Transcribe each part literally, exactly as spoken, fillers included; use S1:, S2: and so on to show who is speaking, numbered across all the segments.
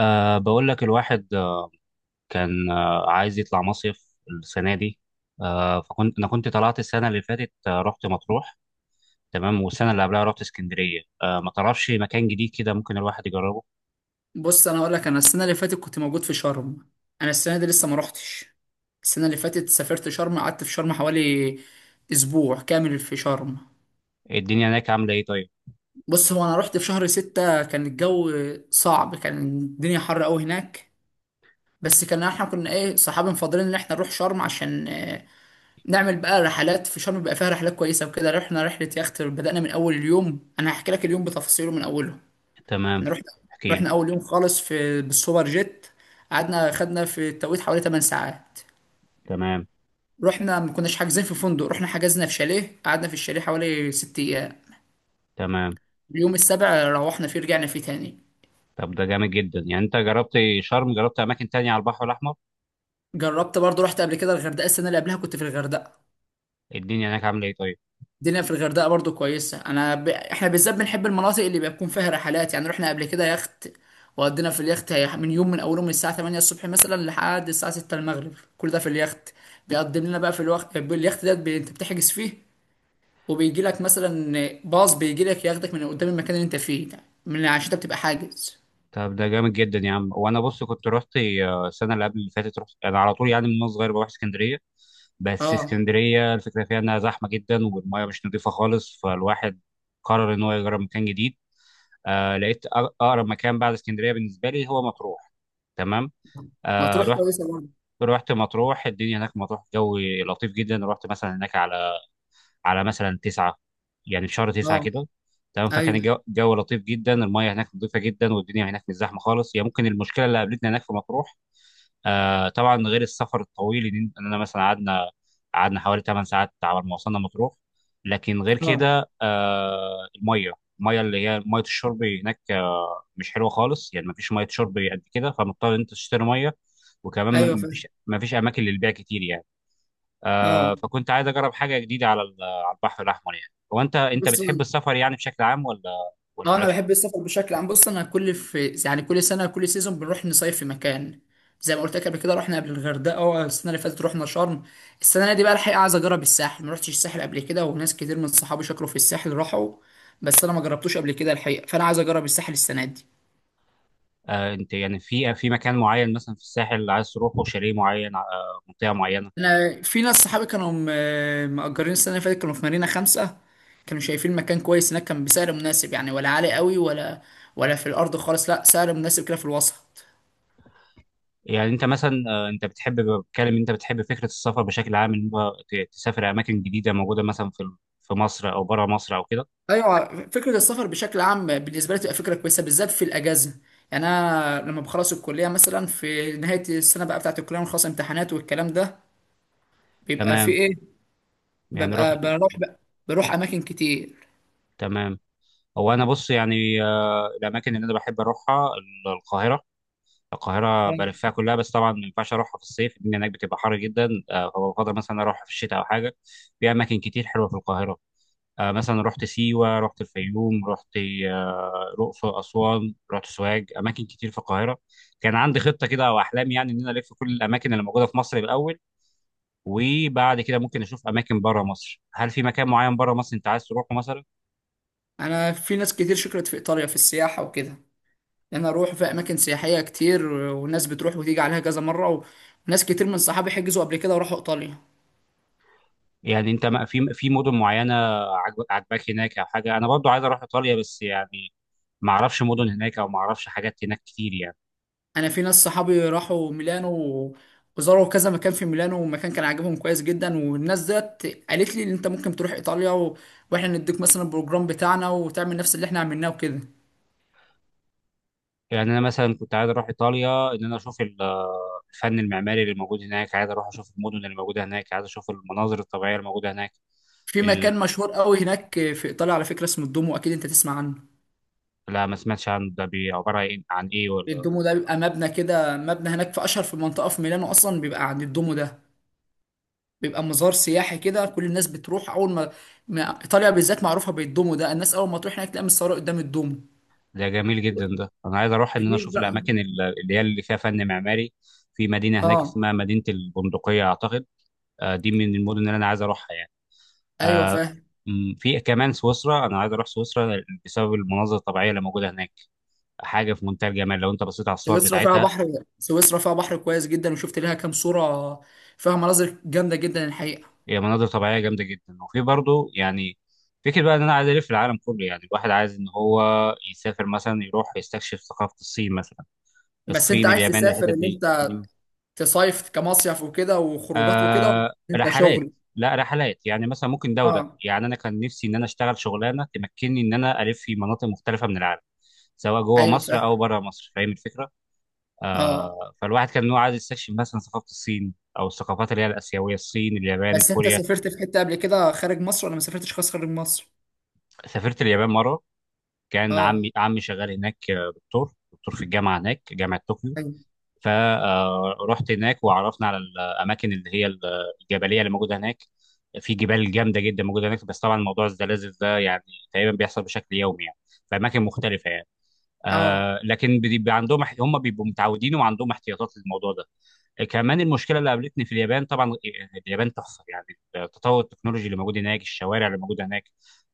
S1: أه بقول لك الواحد، آه، كان، آه، عايز يطلع مصيف السنة دي. أه فكنت أنا كنت طلعت السنة اللي فاتت، آه، رحت مطروح. تمام. والسنة اللي قبلها رحت اسكندرية. أه ما تعرفش مكان جديد كده ممكن الواحد يجربه؟
S2: بص، انا اقول لك، انا السنه اللي فاتت كنت موجود في شرم. انا السنه دي لسه ما روحتش. السنه اللي فاتت سافرت شرم، قعدت في شرم حوالي اسبوع كامل في شرم.
S1: الدنيا هناك عاملة إيه طيب؟
S2: بص، هو انا رحت في شهر ستة، كان الجو صعب، كان الدنيا حر قوي هناك. بس كان احنا كنا ايه، صحابي مفضلين ان احنا نروح شرم عشان آه، نعمل بقى رحلات في شرم، بيبقى فيها رحلات كويسه وكده. رحنا رحله يخت، بدأنا من اول اليوم. انا هحكي لك اليوم بتفاصيله من اوله.
S1: تمام.
S2: احنا رحنا
S1: احكي لي.
S2: رحنا اول يوم خالص في بالسوبر جيت. قعدنا خدنا في التوقيت حوالي 8 ساعات.
S1: تمام.
S2: رحنا، ما كناش حاجزين في فندق، رحنا حجزنا في شاليه، قعدنا في الشاليه حوالي 6 ايام.
S1: تمام.
S2: اليوم السابع روحنا فيه رجعنا فيه تاني.
S1: طب ده جامد جدا، يعني أنت جربت شرم، جربت أماكن تانية على البحر الأحمر؟
S2: جربت برضو، رحت قبل كده الغردقة، السنة اللي قبلها كنت في الغردقة.
S1: الدنيا هناك عاملة إيه طيب؟
S2: الدنيا في الغردقه برضو كويسه. انا ب... احنا بالذات بنحب المناطق اللي بيكون فيها رحلات. يعني رحنا قبل كده يخت وقضينا في اليخت هي- من يوم من اوله من الساعه تمانيه الصبح مثلا لحد الساعه سته المغرب. كل ده في اليخت. بيقدم لنا بقى في الوقت اليخت ده، بي... انت بتحجز فيه، وبيجي لك مثلا باص بيجي لك ياخدك من قدام المكان اللي انت فيه ده، من عشان انت بتبقى حاجز.
S1: طب ده جامد جدا يا عم. وانا بص كنت رحت، آه، السنه اللي قبل اللي فاتت رحت انا على طول، يعني من وانا صغير بروح اسكندريه. بس
S2: اه،
S1: اسكندريه الفكره فيها انها زحمه جدا والميه مش نظيفه خالص، فالواحد قرر ان هو يجرب مكان جديد. آه لقيت أق- اقرب مكان بعد اسكندريه بالنسبه لي هو مطروح. تمام. آه
S2: مطروح
S1: رحت
S2: كويسه برضه.
S1: رحت مطروح. الدنيا هناك في مطروح جو لطيف جدا. رحت مثلا هناك على على مثلا تسعة، يعني في شهر
S2: اه،
S1: تسعة كده. تمام. فكان
S2: ايوه.
S1: الجو الجو لطيف جدا. المياه هناك نظيفة جدا والدنيا هناك مش زحمة خالص. هي ممكن المشكلة اللي قابلتنا هناك في مطروح، آه طبعا، غير السفر الطويل، ان إن انا مثلا قعدنا قعدنا حوالي ثماني ساعات على ما وصلنا مطروح. لكن غير
S2: اه،
S1: كده، آه المية المية اللي هي مية الشرب هناك آه مش حلوة خالص. يعني مفيش مية شرب قد كده، فمضطر إن انت تشتري مية.
S2: ايوه،
S1: وكمان
S2: فاهم.
S1: مفيش مفيش اماكن للبيع كتير يعني.
S2: اه.
S1: آه فكنت عايز اجرب حاجه جديده على ال- على البحر الاحمر. يعني هو انت انت
S2: بص،
S1: بتحب السفر يعني بشكل عام، ولا ولا
S2: اه، انا
S1: مالكش؟
S2: بحب السفر بشكل عام. بص، انا كل في يعني كل سنه، كل سيزون بنروح نصيف في مكان. زي ما قلت لك قبل كده رحنا قبل الغردقه، اه، السنه اللي فاتت رحنا شرم. السنه دي بقى الحقيقه عايز اجرب الساحل، ما رحتش الساحل قبل كده، وناس كتير من صحابي شكروا في الساحل راحوا، بس انا ما جربتوش قبل كده الحقيقه، فانا عايز اجرب الساحل السنه دي.
S1: آه انت يعني في في مكان معين، مثلا في الساحل اللي عايز تروحه، شاليه معين، آه منطقه معينه؟
S2: انا في ناس صحابي كانوا م- مأجرين السنه اللي فاتت، كانوا في مارينا خمسة، كانوا شايفين مكان كويس هناك، كان بسعر مناسب يعني، ولا عالي قوي، ولا ولا في الارض خالص، لا، سعر مناسب كده في الوسط.
S1: يعني انت مثلا، آه انت بتحب، بتكلم انت بتحب فكره السفر بشكل عام، ان هو ت- تسافر اماكن جديده موجوده مثلا في ال- في مصر او بره مصر او كده؟
S2: ايوه، فكره السفر بشكل عام بالنسبه لي تبقى فكره كويسه، بالذات في الاجازه. يعني انا لما بخلص الكليه مثلا في نهايه السنه بقى بتاعه الكليه ونخلص امتحانات والكلام ده، بيبقى في
S1: تمام.
S2: ايه،
S1: يعني رحت.
S2: ببقى بروح بقى بروح اماكن كتير.
S1: تمام. هو انا بص يعني، آه الاماكن اللي انا بحب اروحها القاهره. القاهرة
S2: أيوة.
S1: بلفها كلها. بس طبعا ما ينفعش أروحها في الصيف، الدنيا هناك بتبقى حر جدا، آه، فبفضل مثلا أروحها في الشتاء أو حاجة. في أماكن كتير حلوة في القاهرة. آه، مثلا رحت سيوة، رحت الفيوم، رحت آه، الأقصر، أسوان، رحت سوهاج، أماكن كتير في القاهرة. كان عندي خطة كده أو أحلام، يعني إن أنا ألف كل الأماكن اللي موجودة في مصر الأول، وبعد كده ممكن أشوف أماكن بره مصر. هل في مكان معين بره مصر أنت عايز تروحه مثلا؟
S2: انا في ناس كتير شكرت في ايطاليا في السياحه وكده. انا اروح في اماكن سياحيه كتير، والناس بتروح وتيجي عليها كذا مره، و- وناس كتير من صحابي حجزوا قبل كده وراحوا ايطاليا.
S1: يعني انت ما- في في مدن معينه عجب- عجباك هناك او حاجه؟ انا برضو عايز اروح ايطاليا، بس يعني ما اعرفش مدن هناك او ما اعرفش حاجات هناك كتير يعني.
S2: انا في ناس صحابي راحوا ميلانو و- وزاروا كذا مكان في ميلانو، ومكان كان عاجبهم كويس جدا، والناس ديت قالت لي ان انت ممكن تروح ايطاليا و... واحنا نديك مثلا البروجرام بتاعنا وتعمل نفس اللي احنا عملناه وكده.
S1: يعني انا مثلا كنت عايز اروح ايطاليا، ان انا اشوف ال- الفن المعماري اللي موجود هناك، عايز اروح اشوف المدن اللي موجوده هناك، عايز اشوف المناظر الطبيعيه الموجوده هناك.
S2: في
S1: ال...
S2: مكان مشهور قوي هناك في ايطاليا على فكره اسمه الدومو، اكيد انت تسمع عنه.
S1: لا، ما سمعتش عن ده، بي- عباره عن إيه، عن ايه ولا؟
S2: الدومو ده بيبقى مبنى كده، مبنى هناك في اشهر في منطقه في ميلانو، اصلا بيبقى عند الدومو ده، بيبقى مزار سياحي كده، كل الناس بتروح اول ما ما- ايطاليا بالذات معروفه بالدومو ده، الناس اول ما تروح هناك تلاقي متصوره قدام الدومو.
S1: ده جميل جدا، ده انا عايز اروح ان انا
S2: غير
S1: اشوف
S2: بقى.
S1: الاماكن ال- اللي هي اللي فيها فن معماري. في مدينه
S2: اه،
S1: هناك اسمها مدينه البندقيه اعتقد. آه، دي من المدن اللي انا عايز اروحها يعني.
S2: ايوه،
S1: آه،
S2: فاهم.
S1: م، في كمان سويسرا، انا عايز اروح سويسرا بسبب المناظر الطبيعيه اللي موجوده هناك. حاجه في منتهى الجمال لو انت بصيت على الصور
S2: سويسرا فيها
S1: بتاعتها.
S2: بحر سويسرا فيها بحر كويس جدا، وشفت لها كام صورة، فيها مناظر جامدة جدا الحقيقة.
S1: هي مناظر طبيعيه جامده جدا، وفي برضه يعني فكرة بقى ان انا عايز الف العالم كله، يعني الواحد عايز ان هو يسافر مثلا، يروح يستكشف ثقافه الصين مثلا.
S2: بس انت
S1: الصين،
S2: عايز
S1: اليابان، الحتت
S2: تسافر ان
S1: دي.
S2: انت تصيف كمصيف وكده وخروجات وكده، ولا
S1: آه
S2: انت
S1: رحلات.
S2: شغل؟
S1: لا رحلات، يعني مثلا ممكن ده وده.
S2: اه،
S1: يعني انا كان نفسي ان انا اشتغل شغلانه تمكنني ان انا الف في مناطق مختلفه من العالم، سواء جوه
S2: ايوه،
S1: مصر
S2: فاهم.
S1: او بره مصر، فاهم الفكره؟
S2: اه،
S1: آه فالواحد كان إن هو عايز يستكشف مثلا ثقافه الصين او الثقافات اللي هي الاسيويه، الصين، اليابان،
S2: بس انت
S1: الكوريا.
S2: سافرت في حتة قبل كده خارج مصر، ولا ما سافرتش خالص خارج مصر؟
S1: سافرت اليابان مره. كان
S2: اه،
S1: عمي عمي شغال هناك، آه، دكتور دكتور في الجامعه هناك، جامعه طوكيو.
S2: ايوه.
S1: فرحت هناك، وعرفنا على الاماكن اللي هي الجبليه اللي موجوده هناك. في جبال جامده جدا موجوده هناك. بس طبعا موضوع الزلازل ده يعني تقريبا بيحصل بشكل يومي يعني، في اماكن مختلفه يعني.
S2: اه،
S1: آه لكن بيبقى عندهم، هم بيبقوا متعودين وعندهم احتياطات للموضوع ده. كمان المشكله اللي قابلتني في اليابان. طبعا اليابان تحفه يعني، التطور التكنولوجي اللي موجود هناك، الشوارع اللي موجوده هناك.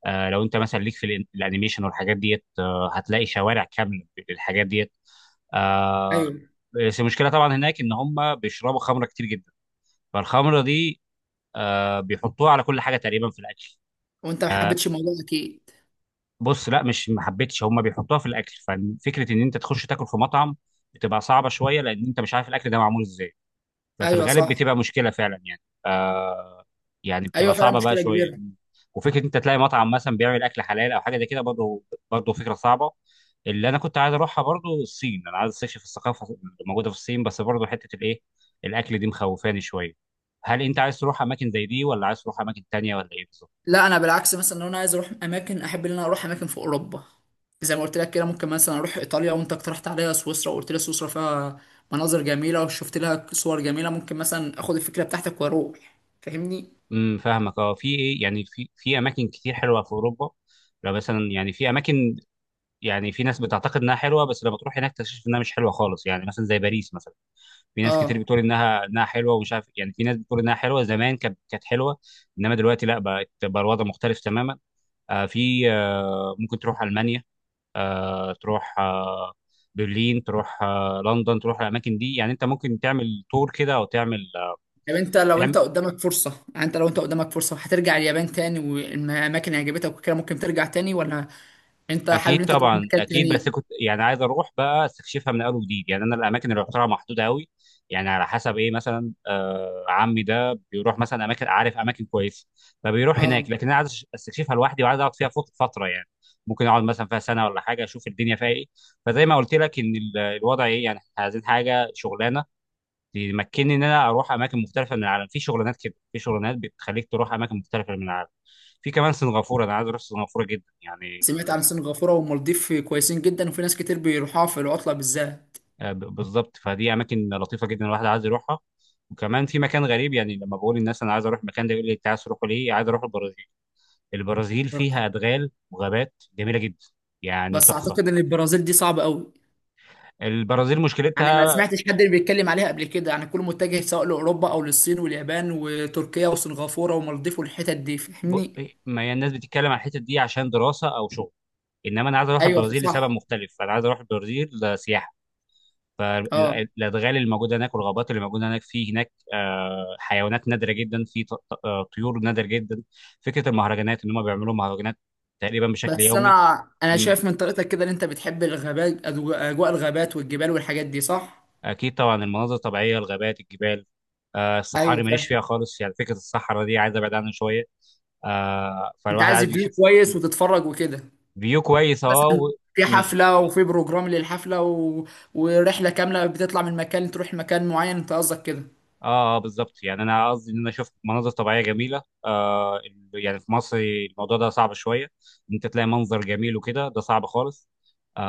S1: آه لو انت مثلا ليك في الأن- الانيميشن والحاجات ديت، آه هتلاقي شوارع كامله بالحاجات ديت. آه
S2: ايوه.
S1: بس المشكله طبعا هناك ان هم بيشربوا خمره كتير جدا. فالخمره دي آه بيحطوها على كل حاجه تقريبا في الاكل.
S2: وانت ما
S1: آه
S2: حبيتش الموضوع اكيد.
S1: بص، لا مش ما حبيتش، هم بيحطوها في الاكل، ففكره ان انت تخش تاكل في مطعم بتبقى صعبه شويه، لان انت مش عارف الاكل ده معمول ازاي، ففي
S2: ايوه،
S1: الغالب
S2: صح.
S1: بتبقى مشكله فعلا يعني. آه، يعني
S2: ايوه،
S1: بتبقى
S2: فعلا
S1: صعبه بقى
S2: مشكلة
S1: شويه.
S2: كبيرة.
S1: وفكره انت تلاقي مطعم مثلا بيعمل اكل حلال او حاجه زي كده برضه، برضه فكره صعبه. اللي انا كنت عايز اروحها برضه الصين، انا عايز استكشف الثقافه اللي موجوده في الصين، بس برضه حته الايه، الاكل دي مخوفاني شويه. هل انت عايز تروح اماكن زي دي ولا عايز تروح اماكن تانية ولا ايه بالظبط؟
S2: لا، انا بالعكس مثلا لو انا عايز اروح اماكن، احب ان انا اروح اماكن في اوروبا. زي ما قلت لك كده، ممكن مثلا اروح ايطاليا، وانت اقترحت عليا سويسرا وقلت لي سويسرا فيها مناظر جميله وشفت لها صور جميله، ممكن مثلا اخد الفكره بتاعتك واروح، فاهمني.
S1: امم فاهمك. اه في ايه يعني، في في اماكن كتير حلوه في اوروبا. لو مثلا يعني في اماكن، يعني في ناس بتعتقد انها حلوه بس لما تروح هناك تكتشف انها مش حلوه خالص، يعني مثلا زي باريس مثلا. في ناس كتير
S2: اه،
S1: بتقول انها انها حلوه ومش عارف، يعني في ناس بتقول انها حلوه زمان، كانت كانت حلوه. انما دلوقتي لا، بقت بقى الوضع مختلف تماما. آه في، آه ممكن تروح المانيا، آه تروح، آه برلين، تروح آه لندن، تروح الاماكن دي، يعني انت ممكن تعمل تور كده او تعمل، آه،
S2: طب انت لو انت
S1: تعمل.
S2: قدامك فرصه يعني انت لو انت قدامك فرصه هترجع اليابان تاني، والاماكن اللي عجبتك وكده، ممكن ترجع تاني، ولا انت حابب
S1: اكيد
S2: ان انت تروح
S1: طبعا،
S2: مكان
S1: اكيد. بس
S2: تاني؟
S1: كنت يعني عايز اروح بقى استكشفها من اول وجديد، يعني انا الاماكن اللي رحتها محدوده قوي. يعني على حسب ايه، مثلا آه عمي ده بيروح مثلا اماكن، عارف اماكن كويسه، فبيروح هناك.
S2: اه،
S1: لكن انا عايز استكشفها لوحدي، وعايز اقعد فيها فت- فتره يعني. ممكن اقعد مثلا فيها سنه ولا حاجه، اشوف الدنيا فيها ايه. فزي ما قلت لك ان ال- الوضع ايه، يعني إحنا عايزين حاجه، شغلانه تمكنني ان انا اروح اماكن مختلفه من العالم. في شغلانات كده، في شغلانات بتخليك تروح اماكن مختلفه من العالم. في كمان سنغافوره، انا عايز اروح سنغافوره جدا يعني.
S2: سمعت عن سنغافوره والمالديف كويسين جدا، وفي ناس كتير بيروحوها في العطله بالذات.
S1: آه، ب- بالظبط، فدي اماكن لطيفه جدا الواحد عايز يروحها. وكمان في مكان غريب، يعني لما بقول للناس انا عايز اروح المكان ده، يقول لي انت عايز تروحه ليه؟ عايز اروح البرازيل. البرازيل فيها ادغال وغابات جميله جدا، يعني
S2: بس
S1: تحفه.
S2: اعتقد ان البرازيل دي صعبه قوي،
S1: البرازيل
S2: يعني ما
S1: مشكلتها،
S2: سمعتش حد اللي بيتكلم عليها قبل كده، يعني كله متجه سواء لاوروبا او للصين واليابان وتركيا وسنغافوره ومالديف والحتت دي،
S1: ب...
S2: فاهمني.
S1: ما هي الناس بتتكلم عن الحته دي عشان دراسه او شغل. انما انا عايز اروح
S2: ايوه،
S1: البرازيل لسبب
S2: صح.
S1: مختلف، انا عايز اروح البرازيل سياحه.
S2: اه،
S1: فالادغال اللي موجوده هناك والغابات اللي موجوده هناك، في هناك، آه، حيوانات نادره جدا، في ط- ط- آه، طيور نادره جدا. فكره المهرجانات ان هم بيعملوا مهرجانات تقريبا بشكل
S2: بس
S1: يومي.
S2: انا انا
S1: مم.
S2: شايف من طريقتك كده ان انت بتحب الغابات، أجو- اجواء الغابات والجبال والحاجات دي، صح؟
S1: اكيد طبعا. المناظر الطبيعيه، الغابات، الجبال، آه، الصحاري
S2: ايوه،
S1: ماليش
S2: فاهم.
S1: فيها خالص، يعني فكره الصحراء دي عايز ابعد عنها شويه. آه،
S2: انت
S1: فالواحد
S2: عايز
S1: عايز
S2: فيو
S1: يشوف.
S2: كويس وتتفرج وكده،
S1: فيو كويس، اه،
S2: مثلا في حفله، وفي بروجرام للحفله، و... ورحله كامله، بتطلع من مكان تروح مكان معين، انت قصدك كده؟
S1: اه، اه، بالظبط، يعني انا قصدي ان انا شفت مناظر طبيعيه جميله. آه ال- يعني في مصر الموضوع ده صعب شويه، ان انت تلاقي منظر جميل وكده، ده صعب خالص.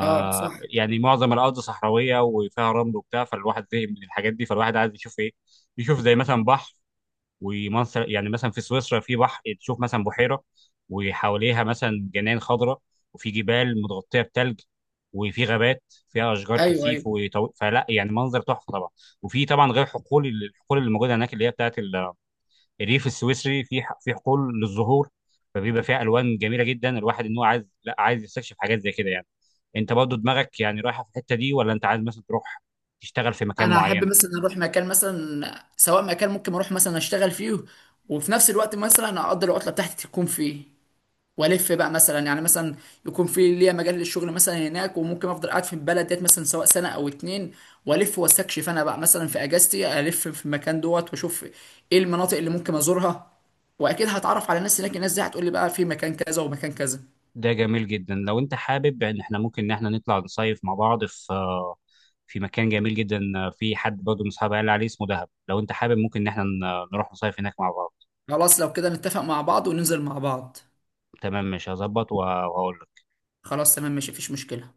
S2: اه، صح.
S1: يعني معظم الارض صحراويه وفيها رمل وبتاع، فالواحد زهق من الحاجات دي، فالواحد عايز يشوف ايه؟ يشوف زي مثلا بحر ومنظر، يعني مثلا في سويسرا في بحر، تشوف مثلا بحيرة وحواليها مثلا جنان خضراء، وفي جبال متغطية بتلج، وفي غابات فيها أشجار
S2: ايوه،
S1: كثيف
S2: ايوه.
S1: وطو... فلا يعني منظر تحفة طبعا. وفي طبعا غير حقول، الحقول اللي موجودة هناك اللي هي بتاعت ال- الريف السويسري، في ح- في حقول للزهور، فبيبقى فيها ألوان جميلة جدا. الواحد إن هو عايز، لا عايز يستكشف حاجات زي كده يعني. أنت برضه دماغك يعني رايحة في الحتة دي، ولا أنت عايز مثلا تروح تشتغل في مكان
S2: انا احب
S1: معين؟
S2: مثلا اروح مكان، مثلا سواء مكان ممكن اروح مثلا اشتغل فيه، وفي نفس الوقت مثلا اقدر العطله بتاعتي تكون فيه، والف بقى مثلا، يعني مثلا يكون في ليا مجال للشغل مثلا هناك، وممكن افضل قاعد في البلد ديت مثلا سواء سنه او اتنين، والف واستكشف انا بقى مثلا في اجازتي، الف في المكان دوت واشوف ايه المناطق اللي ممكن ازورها، واكيد هتعرف على ناس هناك، الناس دي هتقول لي بقى في مكان كذا ومكان كذا.
S1: ده جميل جدا. لو انت حابب، ان احنا ممكن ان احنا نطلع نصيف مع بعض في، آه، في مكان جميل جدا. آه، في حد برضه من اصحابي قال لي عليه اسمه دهب، لو انت حابب ممكن ان احنا ن- نروح نصيف هناك مع بعض.
S2: خلاص، لو كده نتفق مع بعض وننزل مع بعض.
S1: تمام. مش هظبط وهقول.
S2: خلاص، تمام، ماشي، مفيش مشكله.